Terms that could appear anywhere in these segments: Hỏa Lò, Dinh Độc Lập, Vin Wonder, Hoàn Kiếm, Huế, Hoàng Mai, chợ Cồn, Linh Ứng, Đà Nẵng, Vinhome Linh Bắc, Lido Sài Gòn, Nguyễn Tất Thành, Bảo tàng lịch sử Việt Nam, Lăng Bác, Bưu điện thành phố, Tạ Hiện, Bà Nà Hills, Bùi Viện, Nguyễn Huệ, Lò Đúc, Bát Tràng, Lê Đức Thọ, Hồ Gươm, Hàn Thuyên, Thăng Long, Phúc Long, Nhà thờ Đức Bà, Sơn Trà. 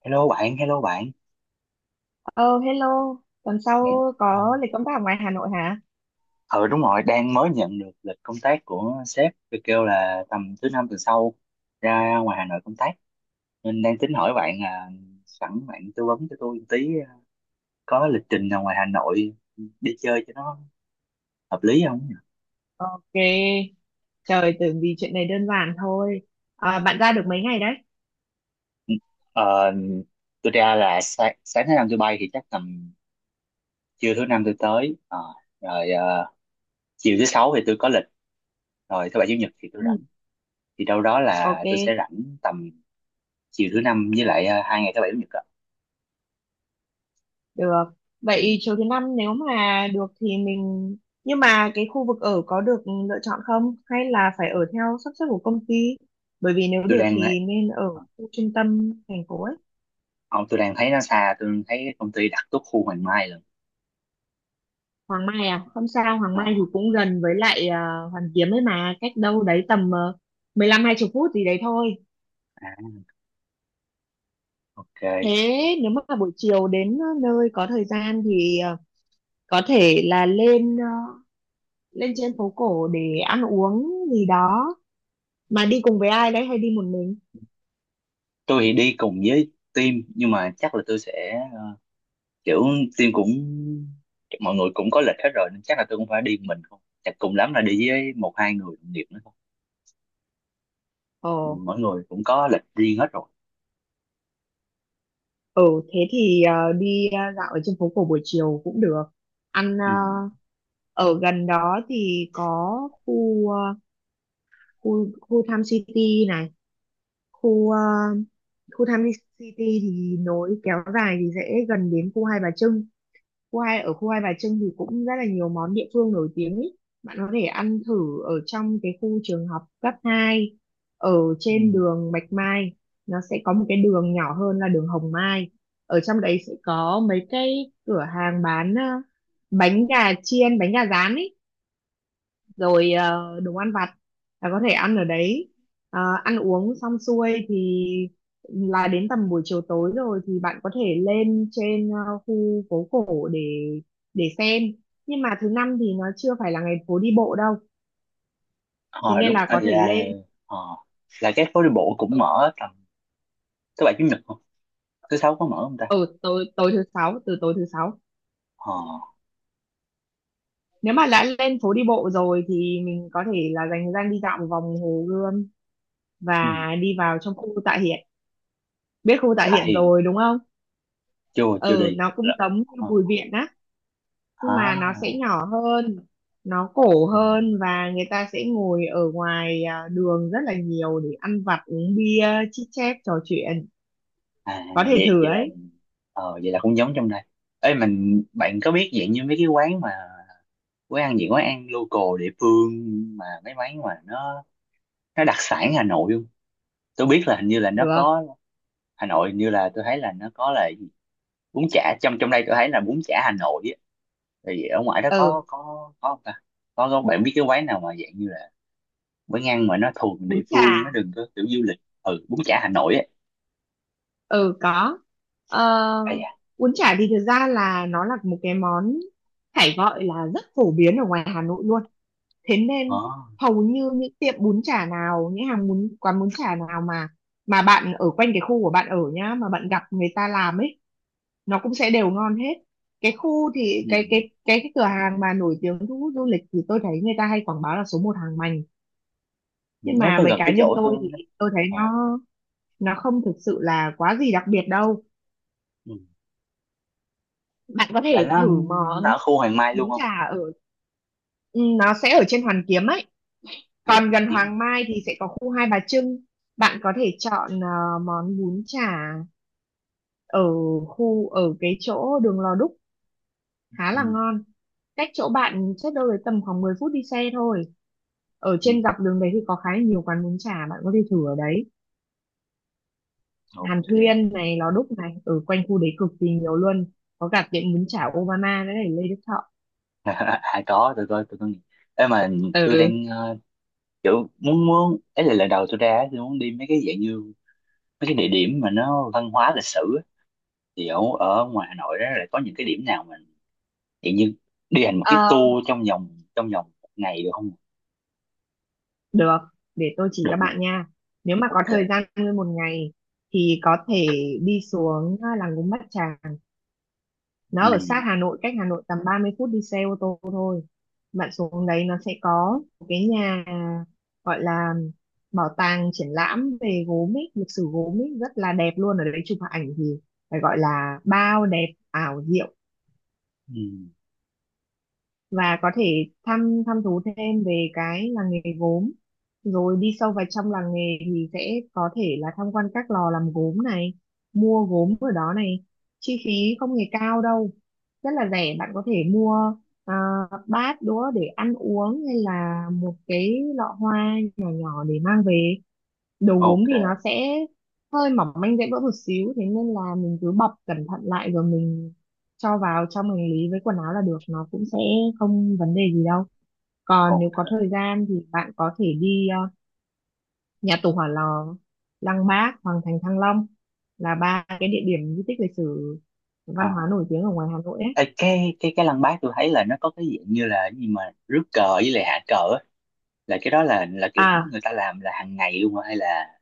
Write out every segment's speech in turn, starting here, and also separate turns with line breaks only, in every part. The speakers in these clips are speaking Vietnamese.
Hello bạn, hello bạn.
Ờ Hello, tuần sau
Ờ,
có lịch công tác ở ngoài Hà Nội hả?
ừ, đúng rồi, đang mới nhận được lịch công tác của sếp, tôi kêu là tầm thứ năm tuần sau ra ngoài Hà Nội công tác. Nên đang tính hỏi bạn là sẵn bạn tư vấn cho tôi một tí, có lịch trình nào ngoài Hà Nội đi chơi cho nó hợp lý không?
Ok, trời tưởng vì chuyện này đơn giản thôi. À, bạn ra được mấy ngày đấy?
Ờ, tôi ra là sáng thứ năm tôi bay thì chắc tầm trưa thứ năm tôi tới. Ờ, rồi ờ, Chiều thứ sáu thì tôi có lịch, rồi thứ bảy chủ nhật thì tôi
Ừ,
rảnh. Thì đâu đó
ok,
là tôi sẽ rảnh tầm chiều thứ năm với lại hai ngày thứ bảy chủ nhật ạ.
được.
Ừ,
Vậy chiều thứ năm nếu mà được thì mình. Nhưng mà cái khu vực ở có được lựa chọn không? Hay là phải ở theo sắp xếp của công ty? Bởi vì nếu
tôi
được
đang ấy,
thì nên ở
ờ,
khu trung tâm thành phố ấy.
ông tôi đang thấy nó xa, tôi thấy công ty đặt tốt khu Hoàng Mai lần.
Hoàng Mai à? Không sao, Hoàng Mai thì
Ờ,
cũng gần với lại Hoàn Kiếm ấy mà. Cách đâu đấy tầm 15 hai 20 phút gì đấy thôi.
à, ok.
Thế nếu mà buổi chiều đến nơi có thời gian thì có thể là lên trên phố cổ để ăn uống gì đó. Mà đi cùng với ai đấy hay đi một mình?
Tôi thì đi cùng với team nhưng mà chắc là tôi sẽ, kiểu team cũng, mọi người cũng có lịch hết rồi nên chắc là tôi cũng phải đi một mình, không chắc cùng lắm là đi với một hai người đồng nghiệp nữa thôi.
Ờ,
Ừ, mỗi người cũng có lịch riêng hết rồi.
ừ, thế thì dạo ở trên phố cổ buổi chiều cũng được. Ăn ờ,
Ừ.
Ở gần đó thì có khu ờ, khu khu Tham City này, khu ờ, khu Tham Ly City thì nối kéo dài thì sẽ gần đến khu Hai Bà Trưng, khu Hai Bà Trưng thì cũng rất là nhiều món địa phương nổi tiếng ý. Bạn có thể ăn thử ở trong cái khu trường học cấp 2 ở
Ừ.
trên đường Bạch Mai. Nó sẽ có một cái đường nhỏ hơn là đường Hồng Mai, ở trong đấy sẽ có mấy cái cửa hàng bán bánh gà chiên, bánh gà rán ý, rồi đồ ăn vặt, là có thể ăn ở đấy. Ăn uống xong xuôi thì là đến tầm buổi chiều tối rồi, thì bạn có thể lên trên khu phố cổ để xem. Nhưng mà thứ năm thì nó chưa phải là ngày phố đi bộ đâu, thế
Ờ,
nên
đúng
là
à,
có thể
là
lên
ờ, là cái phố đi bộ cũng
ở
mở tầm thứ bảy chủ nhật không, thứ sáu có mở không ta?
ừ, tối tối thứ sáu, từ tối thứ sáu
Ờ.
nếu mà đã lên phố đi bộ rồi thì mình có thể là dành thời gian đi dạo một vòng Hồ Gươm
Ừ.
và đi vào trong khu Tạ Hiện. Biết khu Tạ
Bà
Hiện
Hiền
rồi đúng không?
chưa chưa
Ừ,
đi
nó cũng
là
giống như
ờ,
Bùi Viện á, nhưng mà nó sẽ
à,
nhỏ hơn, nó cổ hơn, và người ta sẽ ngồi ở ngoài đường rất là nhiều để ăn vặt, uống bia, chit chat, trò chuyện,
à
có thể
vậy
thử
vậy là,
ấy.
vậy là cũng giống trong đây ấy mình. Bạn có biết dạng như mấy cái quán mà quán ăn, những quán ăn local địa phương, mà mấy quán mà nó đặc sản Hà Nội không? Tôi biết là hình như là nó
Được.
có Hà Nội, hình như là tôi thấy là nó có là cái gì? Bún chả, trong trong đây tôi thấy là bún chả Hà Nội á, thì ở ngoài đó có
Ừ,
có không ta? Có bạn biết cái quán nào mà dạng như là quán ăn mà nó thuộc
bún
địa
chả.
phương, nó đừng có kiểu du lịch, ừ, bún chả Hà Nội á.
Ừ, có. ờ, Bún chả thì thực ra là nó là một cái món phải gọi là rất phổ biến ở ngoài Hà Nội luôn. Thế
Ờ,
nên hầu như những tiệm bún chả nào, những hàng bún, quán bún chả nào mà bạn ở quanh cái khu của bạn ở nhá, mà bạn gặp người ta làm ấy, nó cũng sẽ đều ngon hết. Cái khu thì cái
ừ.
cái cái cái cửa hàng mà nổi tiếng thu hút du lịch thì tôi thấy người ta hay quảng bá là số một hàng mành. Nhưng
Nó
mà
có
với
gần
cá
cái
nhân
chỗ
tôi
tôi
thì
đó.
tôi thấy
Ờ,
nó không thực sự là quá gì đặc biệt đâu.
ừ.
Bạn có
Là
thể thử
nó
món
ở khu Hoàng Mai luôn
bún
không?
chả ở. Ừ, nó sẽ ở trên Hoàn Kiếm ấy,
À,
còn
Hoàn
gần
Kiếm.
Hoàng Mai thì
Ừ.
sẽ có khu Hai Bà Trưng, bạn có thể chọn món bún chả ở ở cái chỗ đường Lò Đúc khá
Ừ.
là ngon. Cách chỗ bạn chắc đâu đấy tầm khoảng 10 phút đi xe thôi, ở
Ừ.
trên dọc đường đấy thì có khá là nhiều quán bún chả bạn có thể thử ở đấy. Hàn
Ok.
Thuyên này, Lò Đúc này, ở quanh khu đấy cực kỳ nhiều luôn, có cả tiệm bún chả Obama nữa này, Lê Đức Thọ.
À có, tôi coi, tôi có nghe. Ê mà tôi
Ừ.
đang, kiểu muốn muốn ấy là lần đầu tôi ra á, tôi muốn đi mấy cái dạng như mấy cái địa điểm mà nó văn hóa lịch sử á. Thì ở ở ngoài Hà Nội đó là có những cái điểm nào mà dạng như đi hành một cái
Ờ,
tour trong vòng một ngày được không?
Được, để tôi chỉ
Được
cho
luôn.
bạn nha. Nếu mà có
Ok.
thời gian nguyên một ngày thì có thể đi xuống làng Gốm Bát Tràng. Nó ở sát
Ừ.
Hà Nội, cách Hà Nội tầm 30 phút đi xe ô tô thôi. Bạn xuống đấy nó sẽ có một cái nhà gọi là bảo tàng triển lãm về gốm ấy, lịch sử gốm ấy rất là đẹp luôn. Ở đấy chụp ảnh thì phải gọi là bao đẹp, ảo diệu,
Ừ.
và có thể thăm thăm thú thêm về cái làng nghề gốm. Rồi đi sâu vào trong làng nghề thì sẽ có thể là tham quan các lò làm gốm này, mua gốm ở đó này. Chi phí không hề cao đâu, rất là rẻ, bạn có thể mua à, bát đũa để ăn uống, hay là một cái lọ hoa nhỏ nhỏ để mang về. Đầu gốm thì nó
Ok.
sẽ hơi mỏng manh, dễ vỡ một xíu, thế nên là mình cứ bọc cẩn thận lại rồi mình cho vào trong hành lý với quần áo là được, nó cũng sẽ không vấn đề gì đâu. Còn nếu có
Ok.
thời gian thì bạn có thể đi nhà tù Hỏa Lò, Lăng Bác, Hoàng thành Thăng Long, là ba cái địa điểm di tích lịch sử văn
Ờ.
hóa nổi tiếng ở ngoài Hà Nội ấy.
Ê, cái lăng Bác tôi thấy là nó có cái dạng như là cái gì mà rước cờ với lại hạ cờ á, là cái đó là kiểu
À,
người ta làm là hàng ngày luôn hả? Hay là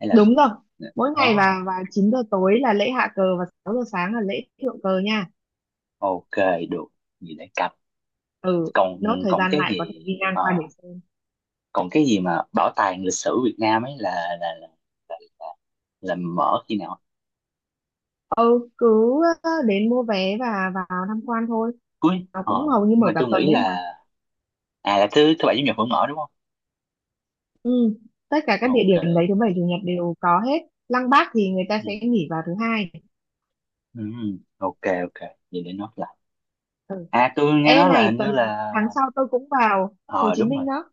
hay là
đúng rồi, mỗi ngày. và
oh,
và 9 giờ tối là lễ hạ cờ, và 6 giờ sáng là lễ thượng cờ nha.
ok, được, gì để cặp.
Ừ,
Còn
nốt thời
còn
gian
cái
lại có thể
gì
đi ngang qua để xem.
còn cái gì mà bảo tàng lịch sử Việt Nam ấy, là là, là, là mở khi nào?
Ừ, cứ đến mua vé và vào tham quan thôi,
Cuối
nó
ờ,
cũng hầu như
nhưng mà
mở cả
tôi
tuần
nghĩ
đấy mà.
là à là thứ thứ bảy chủ nhật vẫn mở đúng không?
Ừ. Tất cả các địa
Ok.
điểm đấy thứ bảy chủ nhật đều có hết. Lăng Bác thì người
Ừ.
ta sẽ nghỉ vào thứ hai.
Ừ. Ok, ok vậy để nó.
Ừ.
À tôi nghe
Ê
nói là
này,
hình như
tuần
là
tháng sau tôi cũng vào Hồ
ờ
Chí
đúng rồi,
Minh đó.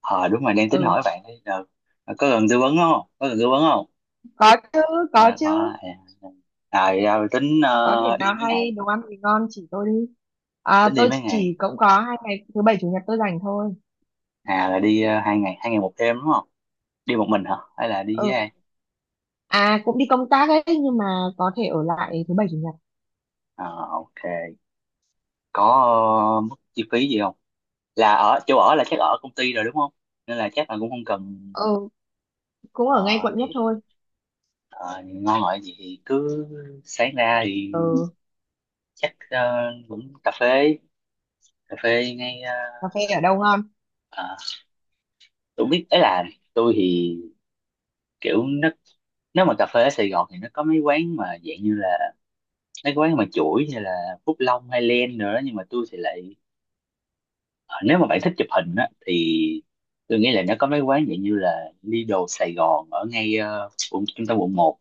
ờ đúng rồi đang tính
Ừ,
hỏi bạn đây. Ờ, ờ, có cần tư vấn không, có cần tư vấn không?
có chứ, có
Ờ, ờ,
chứ.
à, dạ, tính
Có điểm nào
đi mấy
hay
ngày,
đồ ăn thì ngon chỉ tôi đi. À,
tính đi
tôi
mấy
chỉ
ngày?
cũng có 2 ngày thứ bảy chủ nhật tôi rảnh thôi.
À là đi hai ngày, hai ngày một đêm đúng không? Đi một mình hả hay là đi với
Ừ,
ai?
à, cũng đi công tác ấy nhưng mà có thể ở
Ừ.
lại thứ bảy chủ nhật.
Ờ, ok. Có mức chi phí gì không, là ở chỗ ở là chắc ở công ty rồi đúng không, nên là chắc là cũng không cần.
Ừ, cũng ở ngay
Ờ,
quận nhất
thì
thôi.
ngon ngọt gì thì cứ sáng ra thì
Ừ,
chắc, cũng cà phê, cà phê ngay,
cà phê ở đâu ngon?
ờ, tôi biết ấy là, tôi thì kiểu nó, nếu mà cà phê ở Sài Gòn thì nó có mấy quán mà dạng như là mấy quán mà chuỗi như là Phúc Long hay Len nữa. Nhưng mà tôi thì lại, ờ, nếu mà bạn thích chụp hình á thì tôi nghĩ là nó có mấy quán dạng như là Lido Sài Gòn ở ngay, quận- trung tâm quận một,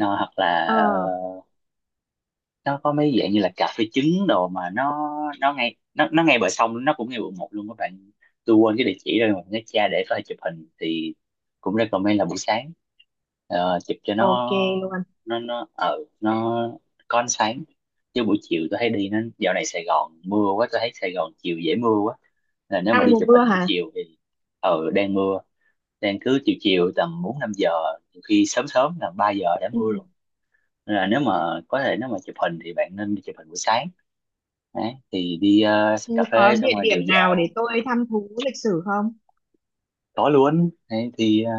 ờ, hoặc
ờ
là ờ, nó có mấy dạng như là cà phê trứng đồ mà nó, nó ngay bờ sông, nó cũng ngay quận một luôn các bạn. Tôi quên cái địa chỉ rồi mà nhớ cha để phải chụp hình thì cũng recommend là buổi sáng. Ờ, chụp cho nó,
ok luôn.
nó ở nó có ánh sáng. Chứ buổi chiều tôi thấy đi nó dạo này Sài Gòn mưa quá, tôi thấy Sài Gòn chiều dễ mưa quá, là nếu mà
Đang
đi
mùa
chụp hình
mưa
buổi
hả?
chiều thì. Ở đang mưa, đang cứ chiều chiều tầm bốn năm giờ, nhiều khi sớm sớm là ba giờ đã mưa rồi.
Ừ.
Nên là nếu mà có thể nếu mà chụp hình thì bạn nên đi chụp hình buổi sáng. Đấy, thì đi
Ừ,
cà
có
phê xong
địa
rồi dạo
điểm nào để
dạo
tôi thăm thú lịch sử không?
tối luôn đấy, thì ờ,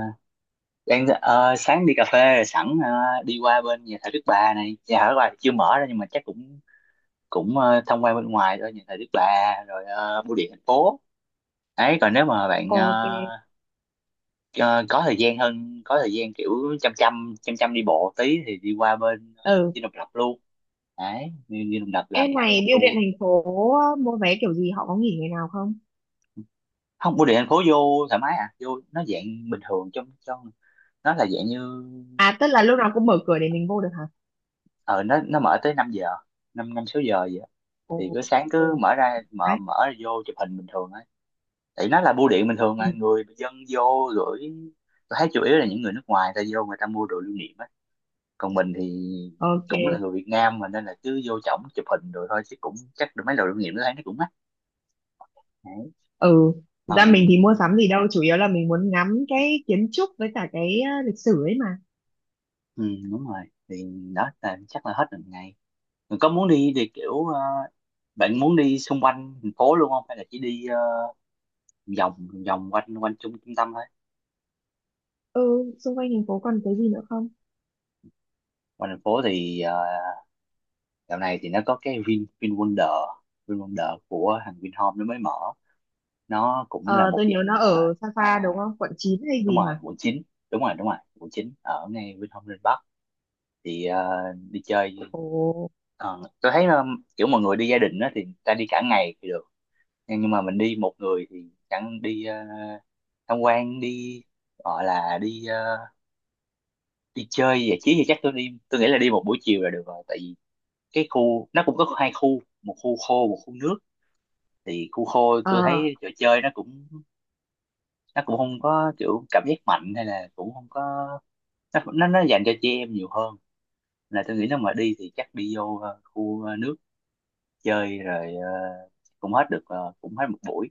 đang ờ, sáng đi cà phê rồi sẵn, đi qua bên nhà thờ Đức Bà này, nhà thờ Đức Bà thì chưa mở ra nhưng mà chắc cũng cũng, thông qua bên ngoài thôi nhà thờ Đức Bà, rồi bưu điện thành phố. Đấy còn nếu mà bạn,
Ok.
ờ, có thời gian hơn, có thời gian kiểu chăm chăm đi bộ tí thì đi qua bên
Ừ,
Dinh Độc Lập luôn, đấy đi Dinh Độc Lập làm
em
khoảng
này,
một
bưu điện
tour.
thành phố mua vé kiểu gì, họ có nghỉ ngày nào không?
Không bưu điện thành phố vô thoải mái à, vô nó dạng bình thường trong trong nó là dạng như.
À, tức là lúc nào cũng mở cửa để mình vô được hả?
Ờ nó mở tới 5 giờ, năm năm sáu giờ vậy á.
Ồ.
Thì cứ sáng cứ
Ồ,
mở ra mở
đấy.
mở ra vô chụp hình bình thường ấy. Tại nó là bưu điện bình thường
Ừ,
mà người dân vô gửi, tôi thấy chủ yếu là những người nước ngoài ta vô người ta mua đồ lưu niệm ấy. Còn mình thì cũng là
ok.
người Việt Nam mà nên là cứ vô trỏng chụp hình rồi thôi, chứ cũng chắc được mấy đồ lưu niệm đó thấy nó cũng mắc. Đấy.
Ừ, thực ra mình thì mua
Còn-
sắm gì đâu, chủ yếu là mình muốn ngắm cái kiến trúc với cả cái lịch sử ấy mà.
ừ, đúng rồi thì đó là chắc là hết một ngày. Có muốn đi thì kiểu, bạn muốn đi xung quanh thành phố luôn không hay là chỉ đi, vòng vòng quanh quanh trung trung tâm thôi?
Ừ, xung quanh thành phố còn cái gì nữa không?
Quanh thành phố thì dạo này thì nó có cái Vin Vin Wonder, Vin Wonder của thằng Vinhome nó mới mở, nó cũng là
Ờ
một
tôi nhớ
dạng
nó ở xa
ờ,
xa đúng không, quận 9 hay
đúng
gì hả?
rồi quận 9, đúng rồi quận 9 ở ngay Vinhome Linh Bắc. Thì đi chơi.
Ồ.
Ờ, tôi thấy kiểu mọi người đi gia đình á thì ta đi cả ngày thì được, nhưng mà mình đi một người thì chẳng đi tham quan đi gọi là đi đi chơi giải trí thì chắc tôi đi, tôi nghĩ là đi một buổi chiều là được rồi. Tại vì cái khu nó cũng có hai khu, một khu khô một khu nước, thì khu khô tôi
à,
thấy trò chơi nó cũng, nó cũng không có kiểu cảm giác mạnh hay là cũng không có, nó dành cho chị em nhiều hơn. Là tôi nghĩ nếu mà đi thì chắc đi vô khu nước, chơi rồi cũng hết được cũng hết một buổi.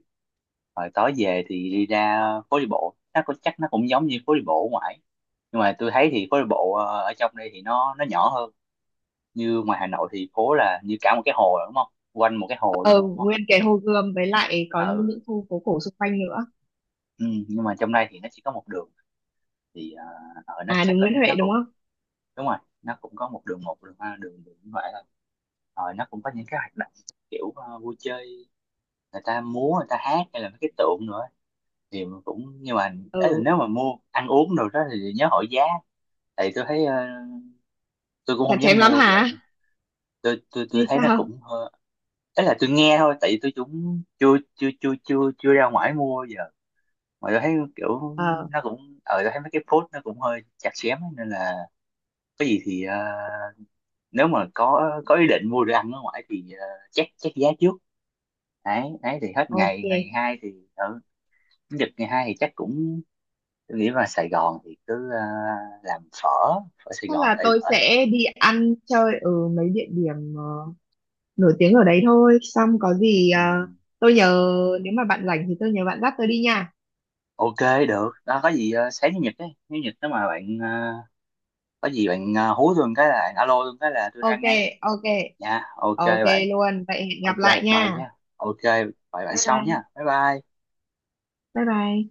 Rồi tối về thì đi ra phố đi bộ, nó có chắc nó cũng giống như phố đi bộ ở ngoài nhưng mà tôi thấy thì phố đi bộ ở trong đây thì nó nhỏ hơn. Như ngoài Hà Nội thì phố là như cả một cái hồ rồi, đúng không, quanh một cái hồ luôn
ờ,
rồi, đúng không?
Nguyên cái Hồ Gươm với lại có những
Ừ.
khu phố cổ xung quanh nữa.
Ừ nhưng mà trong đây thì nó chỉ có một đường thì nó
À,
chắc
đường
có-
Nguyễn Huệ
nó
đúng
cũng
không?
đúng rồi nó cũng có một đường, một đường hai đường đường như vậy thôi. Rồi nó cũng có những cái hoạt động kiểu vui chơi, người ta múa người ta hát hay là mấy cái tượng nữa thì cũng nhưng mà, ấy là
Ừ,
nếu mà mua ăn uống rồi đó thì nhớ hỏi giá. Tại tôi thấy tôi cũng
chặt
không dám
chém lắm
mua giờ,
hả?
tôi
Hay
thấy nó
sao?
cũng hơi, ấy là tôi nghe thôi tại tôi cũng chưa chưa chưa chưa chưa ra ngoài mua giờ. Mà tôi thấy kiểu
Ờ,
nó cũng ờ tôi thấy mấy cái post nó cũng hơi chặt chém ấy, nên là có gì thì, nếu mà có ý định mua đồ ăn ở ngoài thì check check giá trước. Đấy đấy thì hết
ok.
ngày, ngày hai thì ở chủ nhật ngày hai thì chắc cũng tôi nghĩ là Sài Gòn thì cứ làm phở, phở Sài
Chắc
Gòn
là
tại
tôi
phở.
sẽ đi ăn chơi ở mấy địa điểm nổi tiếng ở đấy thôi. Xong có gì
Ừ.
tôi nhờ, nếu mà bạn rảnh thì tôi nhờ bạn dắt tôi đi nha.
Ok được đó, có gì sáng chủ nhật đấy nếu nhật nếu mà bạn, có gì bạn hú tôi một cái là alo tôi một cái là tôi ra
Ok,
ngay
ok,
nha. Ok
ok
bạn.
luôn. Vậy hẹn gặp
Ok.
lại
Bye
nha.
nha. Ok. Bye bạn
Bye
sau nha,
bye,
bye bye.
bye bye.